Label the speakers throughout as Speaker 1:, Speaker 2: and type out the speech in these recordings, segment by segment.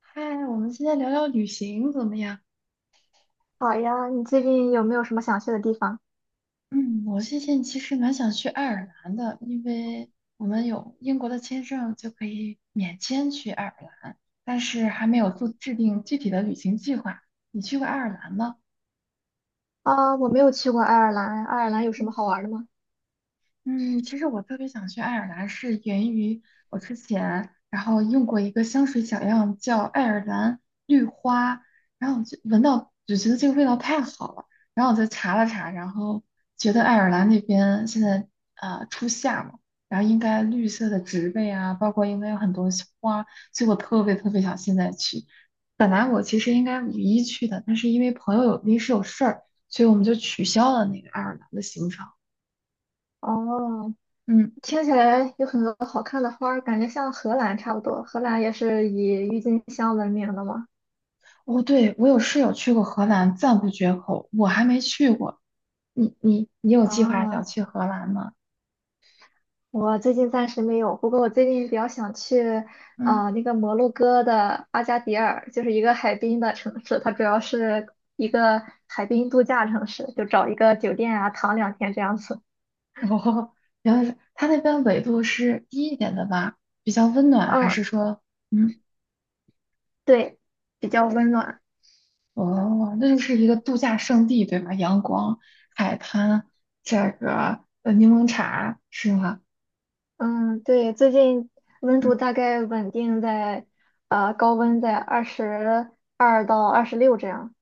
Speaker 1: 嗨，我们现在聊聊旅行怎么样？
Speaker 2: 好呀，你最近有没有什么想去的地方？
Speaker 1: 嗯，我最近其实蛮想去爱尔兰的，因为我们有英国的签证就可以免签去爱尔兰，但是还没有做制定具体的旅行计划。你去过爱尔兰吗？
Speaker 2: 啊，我没有去过爱尔兰，爱尔兰有什么
Speaker 1: 嗯
Speaker 2: 好玩的吗？
Speaker 1: 嗯，其实我特别想去爱尔兰，是源于我之前然后用过一个香水小样叫爱尔兰绿花，然后我就闻到就觉得这个味道太好了，然后我就查了查，然后觉得爱尔兰那边现在初夏嘛，然后应该绿色的植被啊，包括应该有很多小花，所以我特别特别想现在去。本来我其实应该5月1日去的，但是因为朋友有临时有事儿，所以我们就取消了那个爱尔兰的行程。
Speaker 2: 哦，
Speaker 1: 嗯。
Speaker 2: 听起来有很多好看的花儿，感觉像荷兰差不多。荷兰也是以郁金香闻名的嘛。
Speaker 1: 哦，对，我有室友去过荷兰，赞不绝口。我还没去过，你有计划想
Speaker 2: 啊，
Speaker 1: 去荷兰吗？
Speaker 2: 我最近暂时没有，不过我最近比较想去，
Speaker 1: 嗯，
Speaker 2: 那个摩洛哥的阿加迪尔，就是一个海滨的城市，它主要是一个海滨度假城市，就找一个酒店啊，躺2天这样子。
Speaker 1: 哦，原来是它那边纬度是低一点的吧？比较温暖，还
Speaker 2: 嗯，
Speaker 1: 是说，嗯，
Speaker 2: 对，比较温暖。
Speaker 1: 哦，那就是一个度假胜地，对吧？阳光、海滩，这个柠檬茶是吗？
Speaker 2: 嗯，对，最近温度
Speaker 1: 嗯，
Speaker 2: 大概稳定在，高温在22到26这样。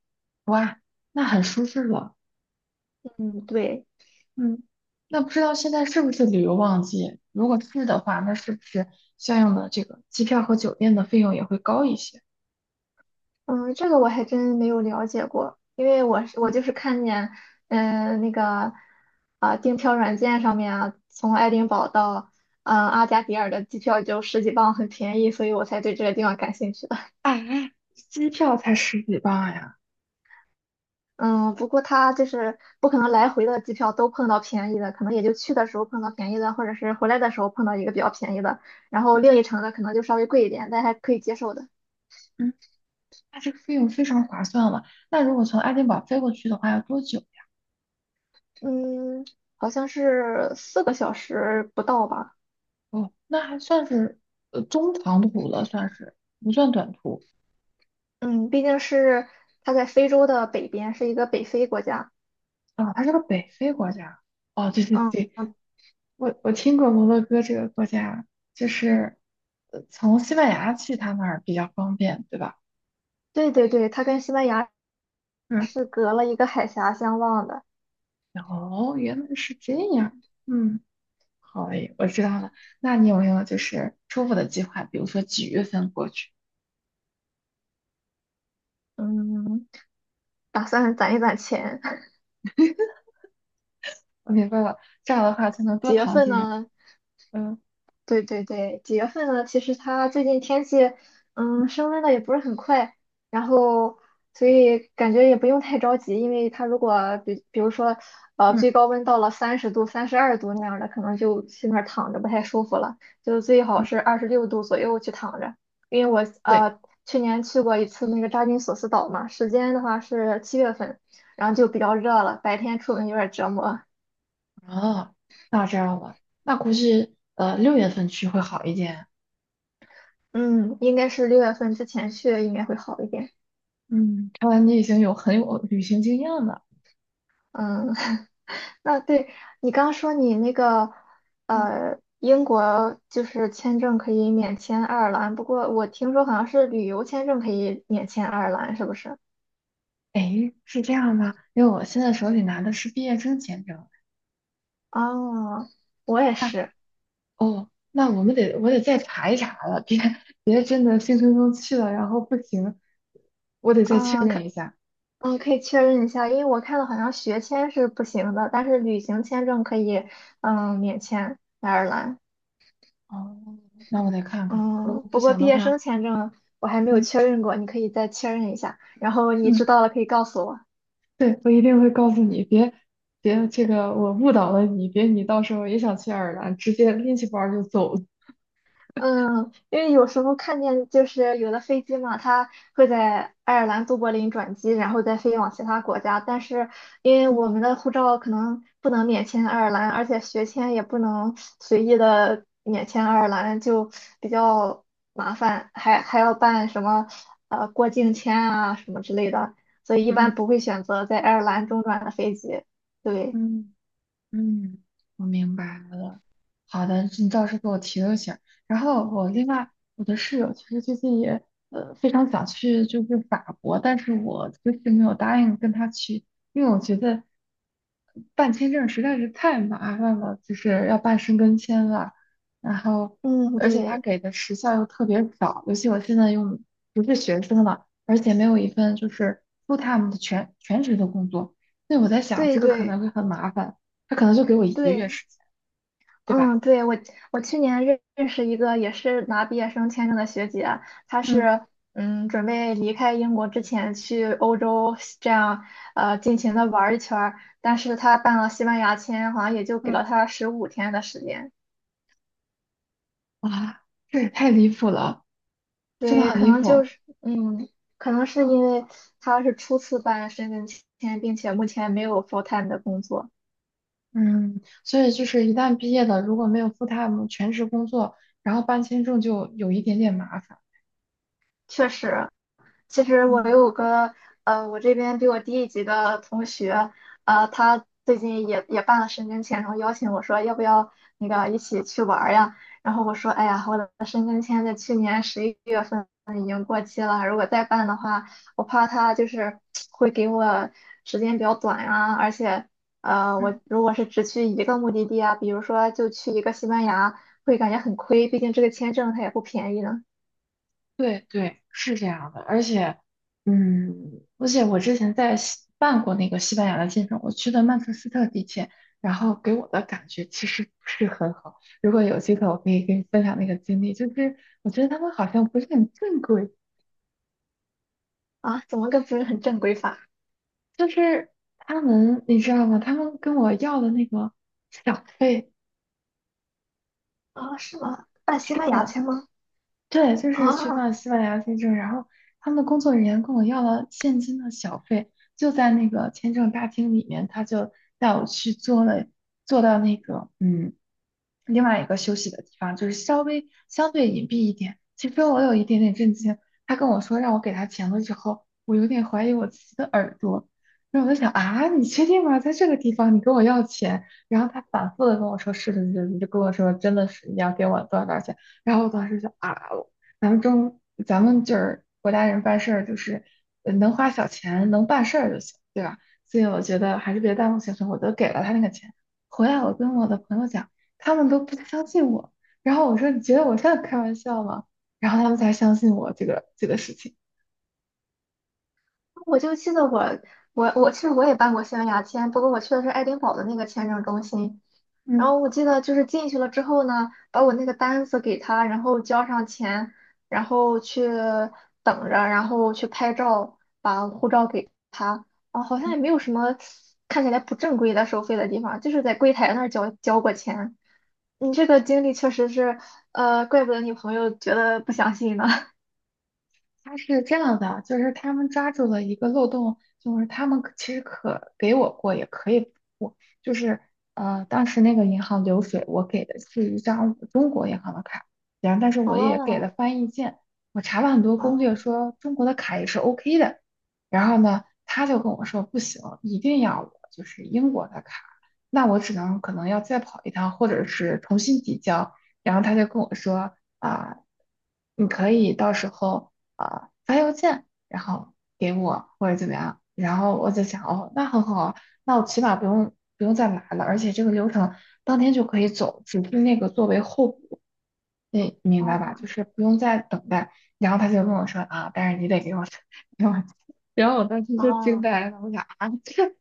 Speaker 1: 哇，那很舒适了。
Speaker 2: 嗯，对，
Speaker 1: 嗯，那不知道现在是不是旅游旺季？如果是的话，那是不是相应的这个机票和酒店的费用也会高一些？
Speaker 2: 嗯，这个我还真没有了解过，因为我是我
Speaker 1: 嗯，
Speaker 2: 就是看见，那个，订票软件上面啊，从爱丁堡到，阿加迪尔的机票就十几磅，很便宜，所以我才对这个地方感兴趣。
Speaker 1: 啊，机票才十几磅呀。
Speaker 2: 嗯，不过他就是不可能
Speaker 1: 嗯，
Speaker 2: 来回的机票都碰到便宜的，可能也就去的时候碰到便宜的，或者是回来的时候碰到一个比较便宜的，然后另一程的可能就稍微贵一点，但还可以接受的。
Speaker 1: 嗯那这个费用非常划算了。那如果从爱丁堡飞过去的话，要多久呀？
Speaker 2: 嗯，好像是4个小时不到吧。
Speaker 1: 哦，那还算是中长途了，算是不算短途。
Speaker 2: 嗯，毕竟是它在非洲的北边，是一个北非国家。
Speaker 1: 啊，它是个北非国家。哦，对对
Speaker 2: 嗯，
Speaker 1: 对，
Speaker 2: 嗯
Speaker 1: 我听过摩洛哥这个国家，就是从西班牙去他那儿比较方便，对吧？
Speaker 2: 对对对，它跟西班牙
Speaker 1: 嗯，
Speaker 2: 是隔了一个海峡相望的。
Speaker 1: 哦，原来是这样。嗯，好嘞，我知道了。那你有没有就是初步的计划？比如说几月份过去？
Speaker 2: 嗯，打算攒一攒钱。
Speaker 1: 我明白了，这样的话才能多
Speaker 2: 几月
Speaker 1: 躺
Speaker 2: 份
Speaker 1: 几天。
Speaker 2: 呢？
Speaker 1: 嗯，
Speaker 2: 对对对，几月份呢？其实它最近天气，嗯，升温的也不是很快，然后所以感觉也不用太着急，因为它如果比如说，
Speaker 1: 嗯
Speaker 2: 最高温到了30度、32度那样的，可能就去那儿躺着不太舒服了，就最好
Speaker 1: 嗯，
Speaker 2: 是26度左右去躺着。因为我
Speaker 1: 对。
Speaker 2: 去年去过一次那个扎金索斯岛嘛，时间的话是7月份，然后就比较热了，白天出门有点折磨。
Speaker 1: 哦，那我知道了。那估计6月份去会好一点。
Speaker 2: 嗯，应该是6月份之前去应该会好一点。
Speaker 1: 嗯，看来你已经有很有旅行经验了。
Speaker 2: 嗯，那对，你刚说你那个
Speaker 1: 嗯，
Speaker 2: 英国就是签证可以免签爱尔兰，不过我听说好像是旅游签证可以免签爱尔兰，是不是？
Speaker 1: 诶，是这样吗？因为我现在手里拿的是毕业生签证。
Speaker 2: 哦，我也
Speaker 1: 那
Speaker 2: 是。
Speaker 1: 哦，那我得再查一查了，别真的兴冲冲去了，然后不行，我得再确
Speaker 2: 啊，
Speaker 1: 认一下。
Speaker 2: 可以确认一下，因为我看到好像学签是不行的，但是旅行签证可以，嗯，免签爱尔兰。
Speaker 1: 哦，那我得看看吧。如
Speaker 2: 嗯，
Speaker 1: 果不
Speaker 2: 不过
Speaker 1: 行
Speaker 2: 毕
Speaker 1: 的
Speaker 2: 业
Speaker 1: 话，
Speaker 2: 生签证我还没有
Speaker 1: 嗯
Speaker 2: 确认过，你可以再确认一下，然后你知
Speaker 1: 嗯，
Speaker 2: 道了可以告诉我。
Speaker 1: 对，我一定会告诉你，别这个我误导了你，别你到时候也想去爱尔兰，直接拎起包儿就走了。
Speaker 2: 嗯，因为有时候看见就是有的飞机嘛，它会在爱尔兰都柏林转机，然后再飞往其他国家。但是因为
Speaker 1: 嗯
Speaker 2: 我们的护照可能不能免签爱尔兰，而且学签也不能随意的免签爱尔兰，就比较麻烦，还要办什么过境签啊什么之类的，所以一般
Speaker 1: 嗯
Speaker 2: 不会选择在爱尔兰中转的飞机。对，
Speaker 1: 嗯。嗯，我明白了。好的，你倒是给我提了醒儿。然后我另外，我的室友其实最近也非常想去就是法国，但是我就是没有答应跟他去，因为我觉得办签证实在是太麻烦了，就是要办申根签了。然后
Speaker 2: 嗯，
Speaker 1: 而且他
Speaker 2: 对，
Speaker 1: 给的时效又特别早，尤其我现在又不是学生了，而且没有一份就是 full time 的全职的工作，所以我在想
Speaker 2: 对
Speaker 1: 这个可能
Speaker 2: 对
Speaker 1: 会很麻烦。他可能就给我一个月
Speaker 2: 对。
Speaker 1: 时间，对吧？
Speaker 2: 嗯，对，我去年认识一个也是拿毕业生签证的学姐，她
Speaker 1: 嗯
Speaker 2: 是准备离开英国之前去欧洲这样尽情的玩儿一圈儿，但是她办了西班牙签，好像也就给
Speaker 1: 嗯
Speaker 2: 了她15天的时间。
Speaker 1: 哇，这也太离谱了，真的
Speaker 2: 对，
Speaker 1: 很
Speaker 2: 可
Speaker 1: 离
Speaker 2: 能就
Speaker 1: 谱。
Speaker 2: 是可能是因为她是初次办申根签，并且目前没有 full time 的工作，
Speaker 1: 嗯，所以就是一旦毕业了，如果没有 full time 全职工作，然后办签证就有一点点麻烦。
Speaker 2: 确实其实我
Speaker 1: 嗯
Speaker 2: 有个呃，我这边比我低一级的同学，他最近也办了申根签，然后邀请我说要不要那个一起去玩儿呀？然后我说，哎呀，我的申根签在去年11月份已经过期了，如果再办的话，我怕他就是会给我时间比较短呀，而且我
Speaker 1: 嗯
Speaker 2: 如果是只去一个目的地啊，比如说就去一个西班牙，会感觉很亏，毕竟这个签证它也不便宜呢。
Speaker 1: 对对，是这样的，而且，嗯，而且我之前在办过那个西班牙的签证，我去的曼彻斯特地铁，然后给我的感觉其实不是很好。如果有机会，我可以跟你分享那个经历，就是我觉得他们好像不是很正规，
Speaker 2: 啊，怎么个不是很正规法？
Speaker 1: 就是他们，你知道吗？他们跟我要的那个小费，
Speaker 2: 啊，是吗？办西
Speaker 1: 是
Speaker 2: 班牙
Speaker 1: 的。
Speaker 2: 签吗？
Speaker 1: 对，就是去
Speaker 2: 啊，
Speaker 1: 办西班牙签证，然后他们的工作人员跟我要了现金的小费，就在那个签证大厅里面，他就带我去做了，做到那个另外一个休息的地方，就是稍微相对隐蔽一点。其实我有一点点震惊，他跟我说让我给他钱的时候，我有点怀疑我自己的耳朵。然后我就想啊，你确定吗？在这个地方你跟我要钱？然后他反复的跟我说是是是的，你就跟我说真的是你要给我多少多少钱。然后我当时就啊，咱们中咱们就是国家人办事儿，就是能花小钱能办事儿就行，对吧？所以我觉得还是别耽误行程，我都给了他那个钱。回来我跟我的朋友讲。他们都不相信我。然后我说："你觉得我像在开玩笑吗？"然后他们才相信我这个事情。
Speaker 2: 我就记得我其实我也办过西班牙签，不过我去的是爱丁堡的那个签证中心。然
Speaker 1: 嗯。
Speaker 2: 后我记得就是进去了之后呢，把我那个单子给他，然后交上钱，然后去等着，然后去拍照，把护照给他。啊，好像
Speaker 1: 嗯
Speaker 2: 也没有什么看起来不正规的收费的地方，就是在柜台那儿交过钱。你这个经历确实是，怪不得你朋友觉得不相信呢。
Speaker 1: 他是这样的，就是他们抓住了一个漏洞，就是他们其实可给我过，也可以不过，就是当时那个银行流水，我给的是一张中国银行的卡，然后但是 我也给了
Speaker 2: 哦，
Speaker 1: 翻译件，我查了很多攻略
Speaker 2: 哦
Speaker 1: 说中国的卡也是 OK 的，然后呢，他就跟我说不行，一定要我就是英国的卡，那我只能可能要再跑一趟，或者是重新提交，然后他就跟我说啊。你可以到时候啊，发邮件，然后给我或者怎么样，然后我就想，哦，那很好啊，那我起码不用再来了，而且这个流程当天就可以走，只是那个作为候补，你明白吧？就
Speaker 2: 哦
Speaker 1: 是不用再等待。然后他就跟我说啊，但是你得给我，给我。然后我当时就惊
Speaker 2: 哦，
Speaker 1: 呆了，我想啊，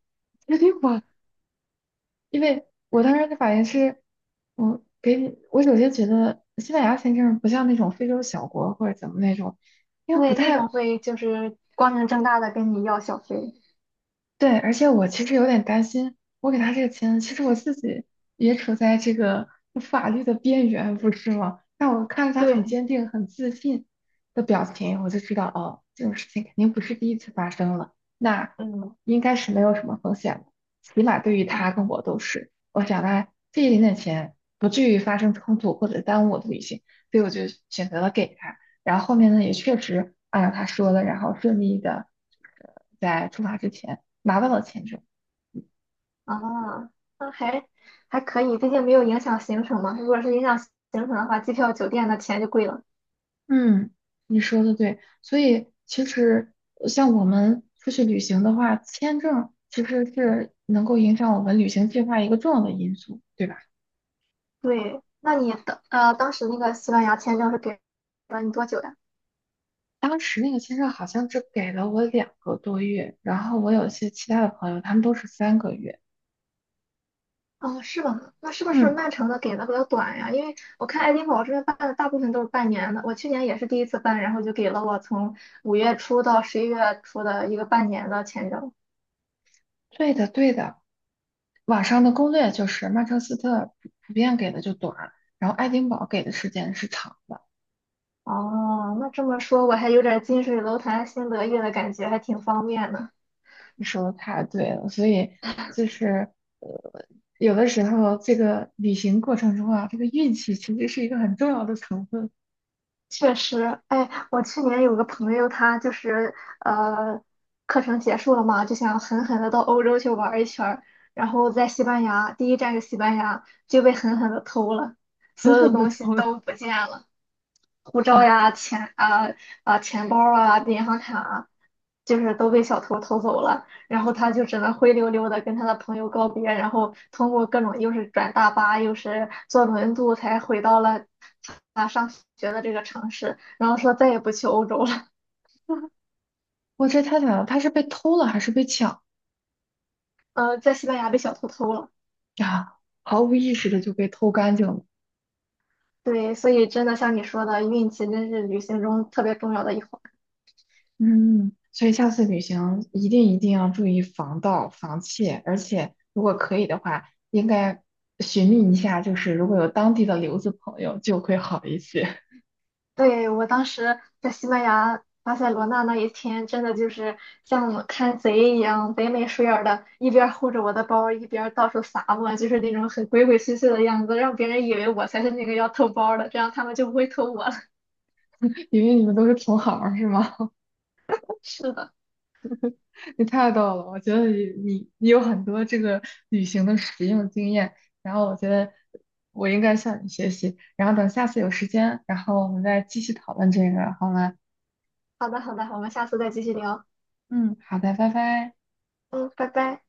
Speaker 1: 这得我，因为我当时的反应是，我给你，我首先觉得西班牙签证不像那种非洲小国或者怎么那种。因为不
Speaker 2: 对，那种
Speaker 1: 太
Speaker 2: 会就是光明正大的跟你要小费。
Speaker 1: 对，而且我其实有点担心，我给他这个钱，其实我自己也处在这个法律的边缘，不是吗？但我看着他很
Speaker 2: 对，
Speaker 1: 坚定、很自信的表情，我就知道，哦，这种事情肯定不是第一次发生了，那
Speaker 2: 嗯
Speaker 1: 应该是没有什么风险的，起码对于
Speaker 2: 啊
Speaker 1: 他跟我都是。我想呢，这一点点钱不至于发生冲突或者耽误我的旅行，所以我就选择了给他。然后后面呢，也确实按照他说的，然后顺利的在出发之前。拿到了签证。
Speaker 2: 啊，那还可以，毕竟没有影响行程嘛。如果是影响行程的话，机票、酒店的钱就贵了。
Speaker 1: 嗯，你说的对，所以其实像我们出去旅行的话，签证其实是能够影响我们旅行计划一个重要的因素，对吧？
Speaker 2: 对，那你当时那个西班牙签证是给了你多久呀？
Speaker 1: 当时那个签证好像只给了我2个多月，然后我有些其他的朋友，他们都是3个月。
Speaker 2: 哦，是吗？那是不是
Speaker 1: 嗯
Speaker 2: 曼城的给的比较短呀？因为我看爱丁堡这边办的大部分都是半年的，我去年也是第一次办，然后就给了我从5月初到11月初的一个半年的签证。
Speaker 1: 对的，对的，网上的攻略就是曼彻斯特普遍给的就短，然后爱丁堡给的时间是长的。
Speaker 2: 哦，那这么说，我还有点近水楼台先得月的感觉，还挺方便的。
Speaker 1: 你说的太对了，所以就是呃，有的时候这个旅行过程中啊，这个运气其实是一个很重要的成分，
Speaker 2: 确实，哎，我去年有个朋友，他就是呃，课程结束了嘛，就想狠
Speaker 1: 嗯，
Speaker 2: 狠的到欧洲去玩一圈儿，然
Speaker 1: 嗯，
Speaker 2: 后在西班牙，第一站是西班牙，就被狠狠的偷了，所
Speaker 1: 狠
Speaker 2: 有
Speaker 1: 狠的
Speaker 2: 东西
Speaker 1: 偷了
Speaker 2: 都不见了。护照
Speaker 1: 啊！
Speaker 2: 呀、钱啊、钱包啊、银行卡啊，就是都被小偷偷走了。然后他就只能灰溜溜的跟他的朋友告别，然后通过各种又是转大巴又是坐轮渡才回到了他上学的这个城市。然后说再也不去欧洲了，
Speaker 1: 我这太惨了，他是被偷了还是被抢
Speaker 2: 在西班牙被小偷偷了。
Speaker 1: 啊？毫无意识的就被偷干净了，
Speaker 2: 对，所以真的像你说的，运气真是旅行中特别重要的一环。
Speaker 1: 嗯，所以下次旅行一定一定要注意防盗防窃，而且如果可以的话，应该寻觅一下，就是如果有当地的留子朋友就会好一些，
Speaker 2: 对，我当时在西班牙巴塞罗那那一天，真的就是像看贼一样，贼眉鼠眼儿的，一边儿护着我的包，一边儿到处撒我，就是那种很鬼鬼祟祟的样子，让别人以为我才是那个要偷包儿的，这样他们就不会偷我了。
Speaker 1: 因为你们都是同行儿是吗？
Speaker 2: 是的，
Speaker 1: 你太逗了，我觉得你你有很多这个旅行的实用经验，然后我觉得我应该向你学习，然后等下次有时间，然后我们再继续讨论这个，好吗？
Speaker 2: 好的，好的，我们下次再继续聊。
Speaker 1: 嗯，好的，拜拜。
Speaker 2: 嗯，拜拜。